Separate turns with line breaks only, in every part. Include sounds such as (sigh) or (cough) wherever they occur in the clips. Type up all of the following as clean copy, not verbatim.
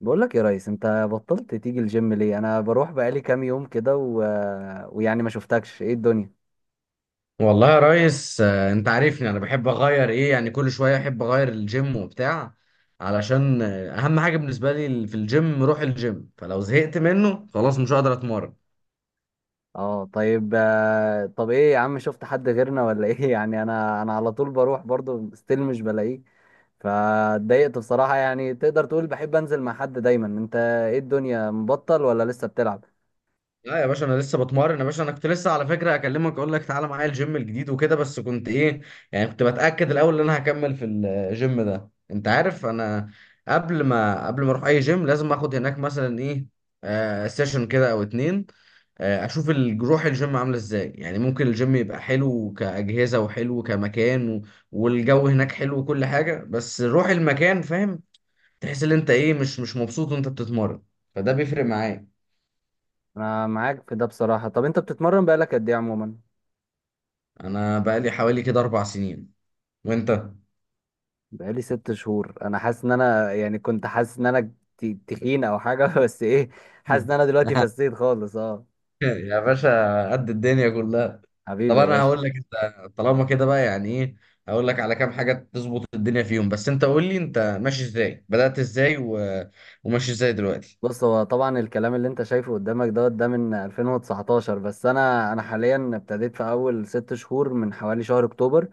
بقول لك يا ريس، انت بطلت تيجي الجيم ليه؟ انا بروح بقالي كام يوم كده و... ويعني ما شفتكش، ايه الدنيا؟
والله يا ريس، انت عارفني انا بحب اغير ايه، يعني كل شويه احب اغير الجيم وبتاع، علشان اهم حاجه بالنسبه لي في الجيم روح الجيم. فلو زهقت منه خلاص مش هقدر اتمرن.
اه طيب طب ايه يا عم، شفت حد غيرنا ولا ايه؟ (laughs) يعني انا على طول بروح برضو ستيل مش بلاقيه. فاتضايقت بصراحة. يعني تقدر تقول بحب انزل مع حد دايما. انت ايه الدنيا، مبطل ولا لسه بتلعب؟
لا يا باشا، انا لسه بتمرن يا باشا. انا كنت لسه على فكره اكلمك اقول لك تعالى معايا الجيم الجديد وكده، بس كنت ايه يعني، كنت بتاكد الاول ان انا هكمل في الجيم ده. انت عارف انا قبل ما اروح اي جيم لازم اخد هناك مثلا ايه، آه سيشن كده او اتنين، آه اشوف روح الجيم عامله ازاي. يعني ممكن الجيم يبقى حلو كاجهزه وحلو كمكان، والجو هناك حلو وكل حاجه، بس روح المكان فاهم. تحس ان انت ايه، مش مبسوط وانت بتتمرن، فده بيفرق معايا.
انا معاك في ده بصراحة. طب انت بتتمرن بقالك قد ايه عموما؟
انا بقالي حوالي كده اربع سنين. وانت؟
بقالي ست شهور. انا حاسس ان انا، يعني كنت حاسس ان انا تخين او حاجه، (laughs) بس ايه، حاسس ان
مم.
انا دلوقتي
(laughs)
فسيت خالص. اه
يا باشا، قد الدنيا كلها. طب
حبيبي يا
انا
باشا.
هقول لك، انت طالما كده بقى يعني ايه، هقول لك على كام حاجه تظبط الدنيا فيهم، بس انت قول لي، انت ماشي ازاي، بدأت ازاي وماشي ازاي دلوقتي.
بص، هو طبعا الكلام اللي انت شايفه قدامك دوت ده من 2019، بس انا حاليا ابتديت في اول ست شهور من حوالي شهر اكتوبر.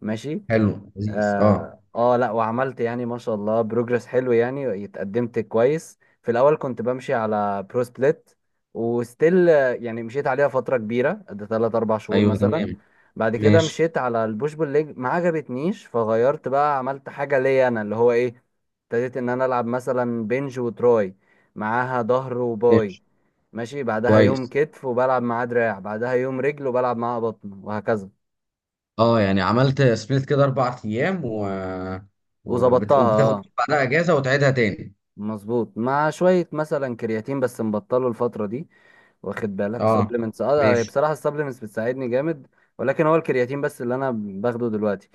ماشي.
حلو، لذيذ، اه.
اه لا، وعملت يعني ما شاء الله بروجرس حلو، يعني اتقدمت كويس. في الاول كنت بمشي على برو سبليت وستيل. يعني مشيت عليها فتره كبيره قد 3 4 شهور
ايوه
مثلا.
تمام.
بعد كده
ماشي.
مشيت على البوش بول ليج، ما عجبتنيش فغيرت بقى، عملت حاجه ليا انا اللي هو ايه، ابتديت ان انا العب مثلا بنج وتراي معاها ظهر وباي.
ماشي.
ماشي، بعدها يوم
كويس.
كتف وبلعب معاه دراع، بعدها يوم رجل وبلعب معاها بطن، وهكذا.
اه يعني عملت سبليت كده اربع ايام،
وظبطتها.
وبتاخد
آه.
بعدها اجازه وتعيدها تاني.
مظبوط، مع شوية مثلا كرياتين، بس مبطله الفترة دي. واخد بالك
اه.
سبلمنتس؟ اه
ماشي.
بصراحة السبلمنتس بتساعدني جامد، ولكن هو الكرياتين بس اللي انا باخده دلوقتي.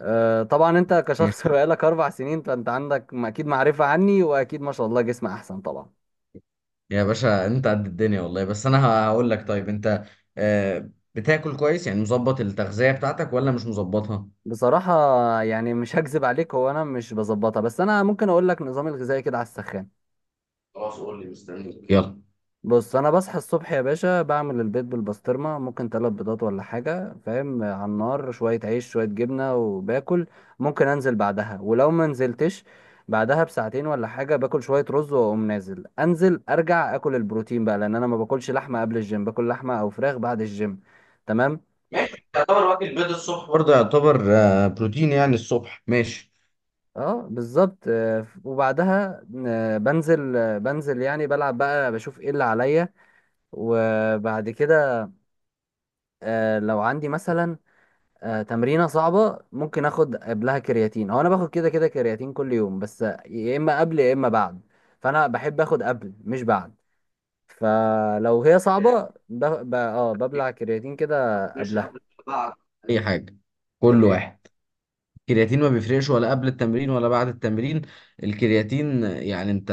آه طبعا انت
ماشي
كشخص، (laughs) بقالك اربع سنين، فانت عندك اكيد معرفة عني، واكيد ما شاء الله جسم احسن طبعا.
يا باشا، انت قد الدنيا والله. بس انا هقول لك، طيب انت آه، بتاكل كويس؟ يعني مظبط التغذية بتاعتك ولا مش مظبطها؟
بصراحة يعني مش هكذب عليك، هو انا مش بظبطها، بس انا ممكن اقول لك نظامي الغذائي كده على السخان.
خلاص قول لي، مستنيك، يلا.
بص، انا بصحى الصبح يا باشا بعمل البيض بالبسطرمه، ممكن تلات بيضات ولا حاجه، فاهم، على النار، شويه عيش شويه جبنه، وباكل. ممكن انزل بعدها، ولو ما نزلتش بعدها بساعتين ولا حاجه باكل شويه رز، واقوم نازل، انزل ارجع اكل البروتين بقى، لان انا ما باكلش لحمه قبل الجيم، باكل لحمه او فراخ بعد الجيم. تمام.
ماشي، يعتبر. واكل بيض الصبح برضه يعتبر بروتين، يعني الصبح ماشي.
اه بالظبط. وبعدها بنزل، يعني بلعب بقى بشوف ايه اللي عليا. وبعد كده لو عندي مثلا تمرينة صعبة، ممكن اخد قبلها كرياتين. هو انا باخد كده كده كرياتين كل يوم، بس يا اما قبل يا اما بعد، فانا بحب اخد قبل مش بعد. فلو هي
آه،
صعبة ب... ب... اه ببلع كرياتين كده
مش
قبلها.
قبل ولا بعد، اي حاجة، كل
ايه
واحد. الكرياتين ما بيفرقش ولا قبل التمرين ولا بعد التمرين. الكرياتين يعني انت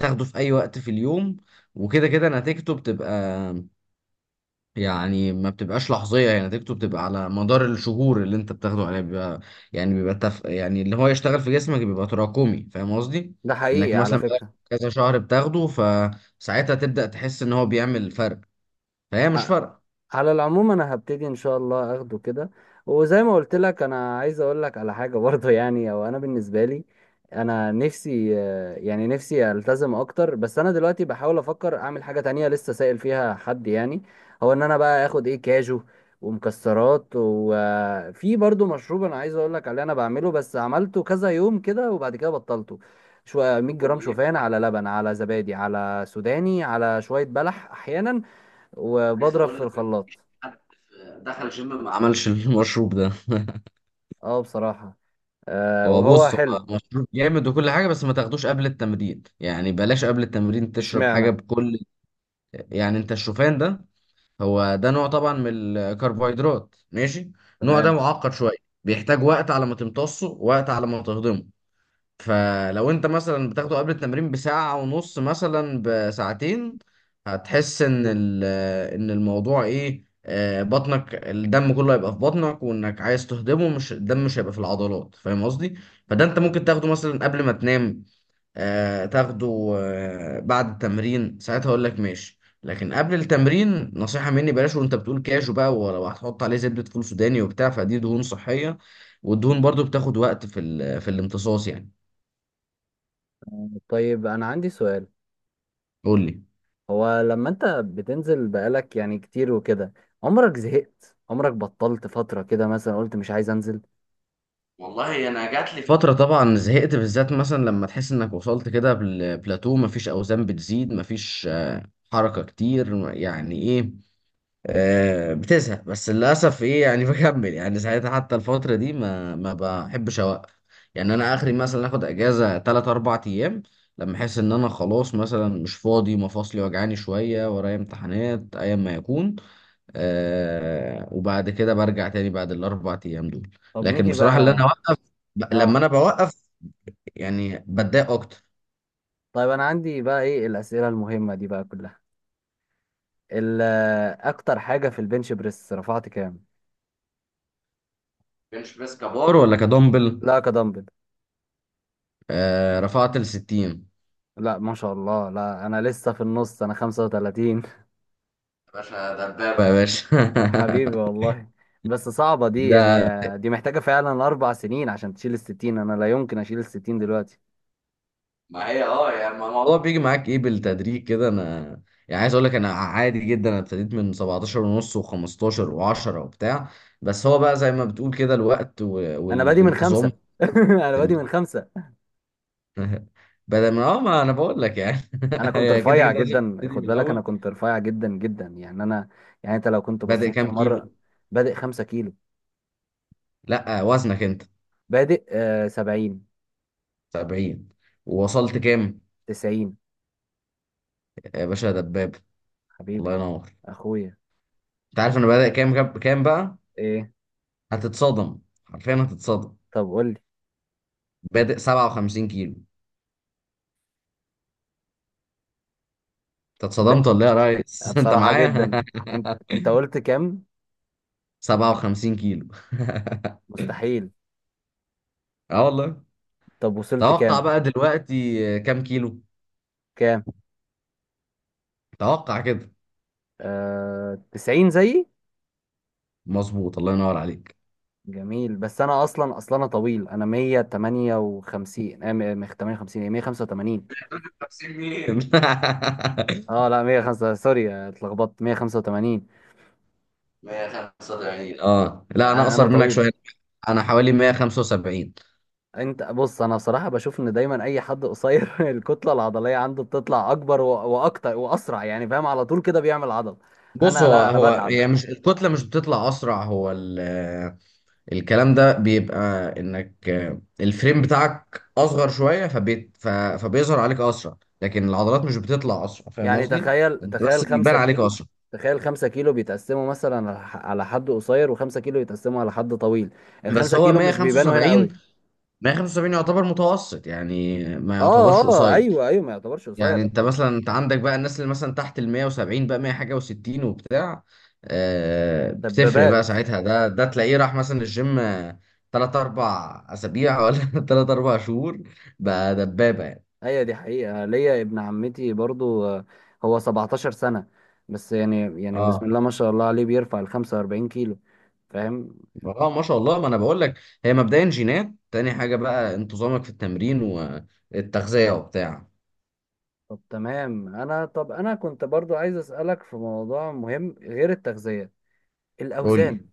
تاخده في اي وقت في اليوم، وكده كده نتيجته بتبقى، يعني ما بتبقاش لحظية. يعني نتيجته بتبقى على مدار الشهور اللي انت بتاخده عليه، بيبقى يعني بيبقى يعني اللي هو يشتغل في جسمك بيبقى تراكمي. فاهم قصدي؟
ده، حقيقي
انك
على
مثلا بقالك
فكرة.
كذا شهر بتاخده، فساعتها تبدأ تحس ان هو بيعمل فرق. فهي مش
آه،
فرق.
على العموم انا هبتدي ان شاء الله اخده كده. وزي ما قلت لك، انا عايز اقول لك على حاجه (laughs) برضه، يعني او انا بالنسبه لي، انا نفسي يعني نفسي التزم اكتر، بس انا دلوقتي بحاول افكر اعمل حاجه تانية لسه سائل فيها حد يعني. هو ان انا بقى اخد ايه، كاجو ومكسرات. وفي برضه مشروب انا عايز اقول لك عليه، انا بعمله بس عملته كذا يوم كده وبعد كده بطلته. شويه 100
قول
جرام
لي ايه.
شوفان، على لبن، على زبادي، على سوداني، على شويه بلح احيانا،
عايز
وبضرب
اقول
في
لك،
الخلاط.
مفيش حد دخل جيم ما عملش المشروب ده. (laughs)
اه بصراحة، آه
هو
وهو
بص، هو
حلو.
مشروب جامد وكل حاجة، بس ما تاخدوش قبل التمرين. يعني بلاش قبل التمرين تشرب حاجة
اشمعنى؟
بكل. يعني انت الشوفان ده، هو ده نوع طبعا من الكربوهيدرات، ماشي. النوع ده
تمام.
معقد شويه، بيحتاج وقت على ما تمتصه، وقت على ما تهضمه. فلو انت مثلا بتاخده قبل التمرين بساعه ونص، مثلا بساعتين، هتحس ان ان الموضوع ايه، بطنك الدم كله هيبقى في بطنك، وانك عايز تهضمه، مش الدم مش هيبقى في العضلات. فاهم قصدي؟ فده انت ممكن تاخده مثلا قبل ما تنام، تاخده بعد التمرين، ساعتها اقول لك ماشي، لكن قبل التمرين نصيحة مني بلاش. وانت بتقول كاجو بقى، ولو هتحط عليه زبدة فول سوداني وبتاع، فدي دهون صحية، والدهون برضو بتاخد وقت في في الامتصاص يعني.
طيب انا عندي سؤال.
قول لي.
هو لما انت بتنزل بقالك يعني كتير وكده، عمرك زهقت؟ عمرك بطلت فترة كده مثلا قلت مش عايز انزل؟
والله انا جات لي فترة طبعا زهقت، بالذات مثلا لما تحس انك وصلت كده بالبلاتو، مفيش اوزان بتزيد، مفيش حركة كتير، يعني ايه، بتزهق. بس للاسف ايه يعني، (laughs) بكمل يعني ساعتها. حتى الفتره دي ما بحبش اوقف. يعني انا اخري مثلا اخد اجازه 3 4 ايام، لما احس ان انا خلاص مثلا مش فاضي، مفاصلي وجعاني شويه، ورايا امتحانات، ايا ما يكون. آه وبعد كده برجع تاني بعد الاربع ايام دول.
طب
لكن
نيجي
بصراحه اللي
بقى.
انا اوقف، لما
اه
انا بوقف يعني بتضايق اكتر.
طيب انا عندي بقى ايه الأسئلة المهمة دي بقى كلها. ال- اكتر حاجة في البنش بريس رفعت كام؟
كانش بس كبار ولا كدمبل؟
لا كدمبل.
آه رفعت ال 60. يا
لا ما شاء الله، لا انا لسه في النص، انا 35.
باشا دبابة يا باشا.
حبيبي والله. بس صعبة
(laughs)
دي
ده،
يعني، دي محتاجة فعلا أربع سنين عشان تشيل الستين. أنا لا يمكن أشيل الستين دلوقتي.
ما هي اه يعني الموضوع بيجي معاك ايه بالتدريج كده. انا يعني عايز اقول لك، انا عادي جدا، انا ابتديت من 17 ونص، و15 و10 وبتاع. بس هو بقى زي ما بتقول كده الوقت
أنا بادي من
والانتظام
خمسة،
في
(laughs) أنا بادي من
التمرين.
خمسة.
(laughs) بدل ما اه، ما انا بقول لك يعني، (laughs)
أنا كنت
هي كده
رفيع
كده لازم
جدا،
تبتدي
خد
من
بالك أنا
الاول.
كنت رفيع جدا جدا، يعني أنا، يعني أنت لو كنت
بادئ
بصيت في
كام
مرة.
كيلو؟
بادئ خمسة كيلو.
لا، وزنك انت
بادئ آه سبعين.
70؟ ووصلت كام؟
تسعين.
يا باشا يا دباب، الله
حبيبي
ينور.
أخويا.
انت عارف انا بادئ كام بقى؟
إيه؟
هتتصدم، حرفيا هتتصدم.
طب قول لي.
بادئ 57 كيلو. انت
ب...
اتصدمت ولا ايه يا ريس؟ (laughs) انت
بصراحة
معايا؟
جدا. أنت قلت كام؟
(laughs) 57 كيلو،
مستحيل.
اه والله.
طب وصلت
توقع
كام؟
بقى دلوقتي كام كيلو.
كام؟
توقع كده.
آه... 90 زيي.
مظبوط، الله ينور عليك.
جميل. بس انا اصلا انا طويل، انا 158 58، ايه، 185.
(laughs) 50 مين. (laughs)
اه لا 105، سوري اتلخبطت، 185.
185، اه لا انا
يعني انا
اقصر منك
طويل.
شويه، انا حوالي 175.
انت بص، انا بصراحة بشوف ان دايما اي حد قصير (laughs) الكتلة العضلية عنده بتطلع اكبر واكتر واسرع، يعني فاهم، على طول كده بيعمل عضل.
بص
انا
هو،
لا، انا
هو
بتعب.
هي مش الكتله مش بتطلع اسرع. هو الكلام ده بيبقى انك الفريم بتاعك اصغر شويه، فبيت فبيظهر عليك اسرع، لكن العضلات مش بتطلع اسرع. فاهم
يعني
قصدي؟
تخيل،
انت بس
تخيل 5
بيبان عليك
كيلو
اسرع.
تخيل 5 كيلو بيتقسموا مثلا على على حد قصير، و5 كيلو يتقسموا على حد طويل. ال
بس
5
هو
كيلو مش بيبانوا هنا.
175. 175 يعتبر متوسط، يعني ما
اه
يعتبرش
اه
قصير.
ايوه ايوه، ما يعتبرش قصير،
يعني
انا
انت
قلت.
مثلا، انت
آه،
عندك بقى الناس اللي مثلا تحت ال 170، بقى 100 حاجه و60 وبتاع، بتفرق بقى
دبابات.
ساعتها. ده تلاقيه راح مثلا الجيم، تلات اربع اسابيع ولا (laughs) تلات اربع شهور، بقى دبابه يعني.
هي دي حقيقه. ليا ابن عمتي برضو، هو 17 سنه، بس يعني يعني بسم
اه
الله ما شاء الله عليه، بيرفع ال 45 كيلو، فاهم.
اه ما شاء الله، ما انا بقول لك، هي مبدئيا جينات، تاني حاجه بقى انتظامك في التمرين والتغذيه وبتاع.
طب تمام. انا طب انا كنت برضو عايز اسالك في موضوع مهم غير التغذيه،
قول
الاوزان.
لي.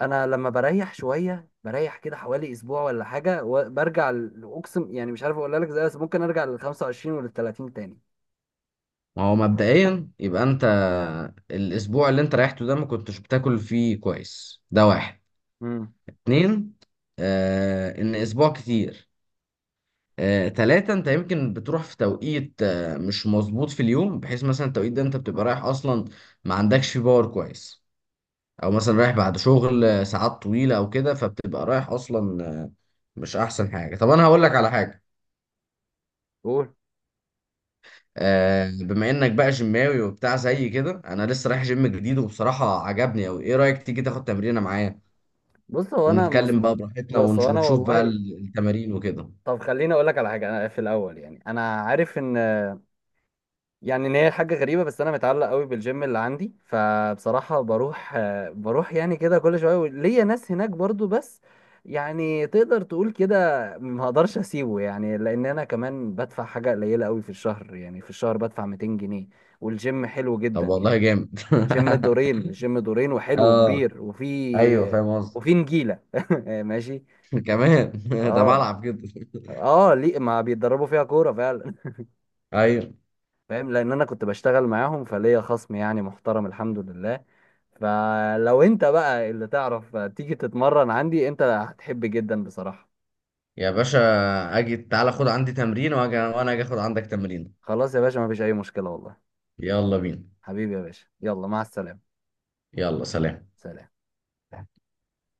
انا لما بريح شويه، بريح كده حوالي اسبوع ولا حاجه، وبرجع اقسم يعني مش عارف اقول لك ازاي، بس ممكن ارجع لل 25 ولل 30 تاني.
ما هو مبدئيا يبقى انت، الاسبوع اللي انت ريحته ده ما كنتش بتاكل فيه كويس، ده واحد.
امم
اتنين، آه ان اسبوع كتير. آه تلاته، انت يمكن بتروح في توقيت آه مش مظبوط في اليوم، بحيث مثلا التوقيت ده انت بتبقى رايح اصلا ما عندكش فيه باور كويس، او مثلا رايح بعد شغل ساعات طويله او كده، فبتبقى رايح اصلا مش احسن حاجه. طب انا هقول لك على حاجه،
قول.
آه بما انك بقى جيماوي وبتاع زي كده، انا لسه رايح جيم جديد وبصراحه عجبني اوي. ايه رايك تيجي تاخد تمرينه معايا،
بص هو انا،
ونتكلم بقى براحتنا
بص هو انا
ونشوف بقى
والله،
التمارين وكده.
طب خليني اقول لك على حاجه. انا في الاول يعني، انا عارف ان، يعني ان هي حاجه غريبه، بس انا متعلق قوي بالجيم اللي عندي. فبصراحه بروح بروح يعني كده كل شويه، ليا ناس هناك برضو، بس يعني تقدر تقول كده ما اقدرش اسيبه، يعني لان انا كمان بدفع حاجه قليله قوي في الشهر، يعني في الشهر بدفع 200 جنيه، والجيم حلو جدا
طب والله
يعني.
جامد.
الجيم
(laughs)
دورين، الجيم دورين وحلو
اه
وكبير،
ايوه
وفي
فاهم قصدي.
وفي نجيله. (laughs) ماشي
(laughs) كمان، (laughs) ده
اه
بلعب كده.
اه. ليه ما بيتدربوا فيها كوره فعلا.
ايوه
(laughs) فاهم، لان انا كنت بشتغل معاهم فليا خصم يعني محترم الحمد لله. فلو انت بقى اللي تعرف تيجي تتمرن عندي، انت هتحب جدا بصراحه.
يا باشا، اجي تعالى خد عندي تمرين واجي، وانا اجي اخد عندك تمرين.
خلاص يا باشا، ما فيش اي مشكله والله.
يلا بينا.
حبيبي يا باشا، يلا مع السلامه.
يلا سلام.
سلام.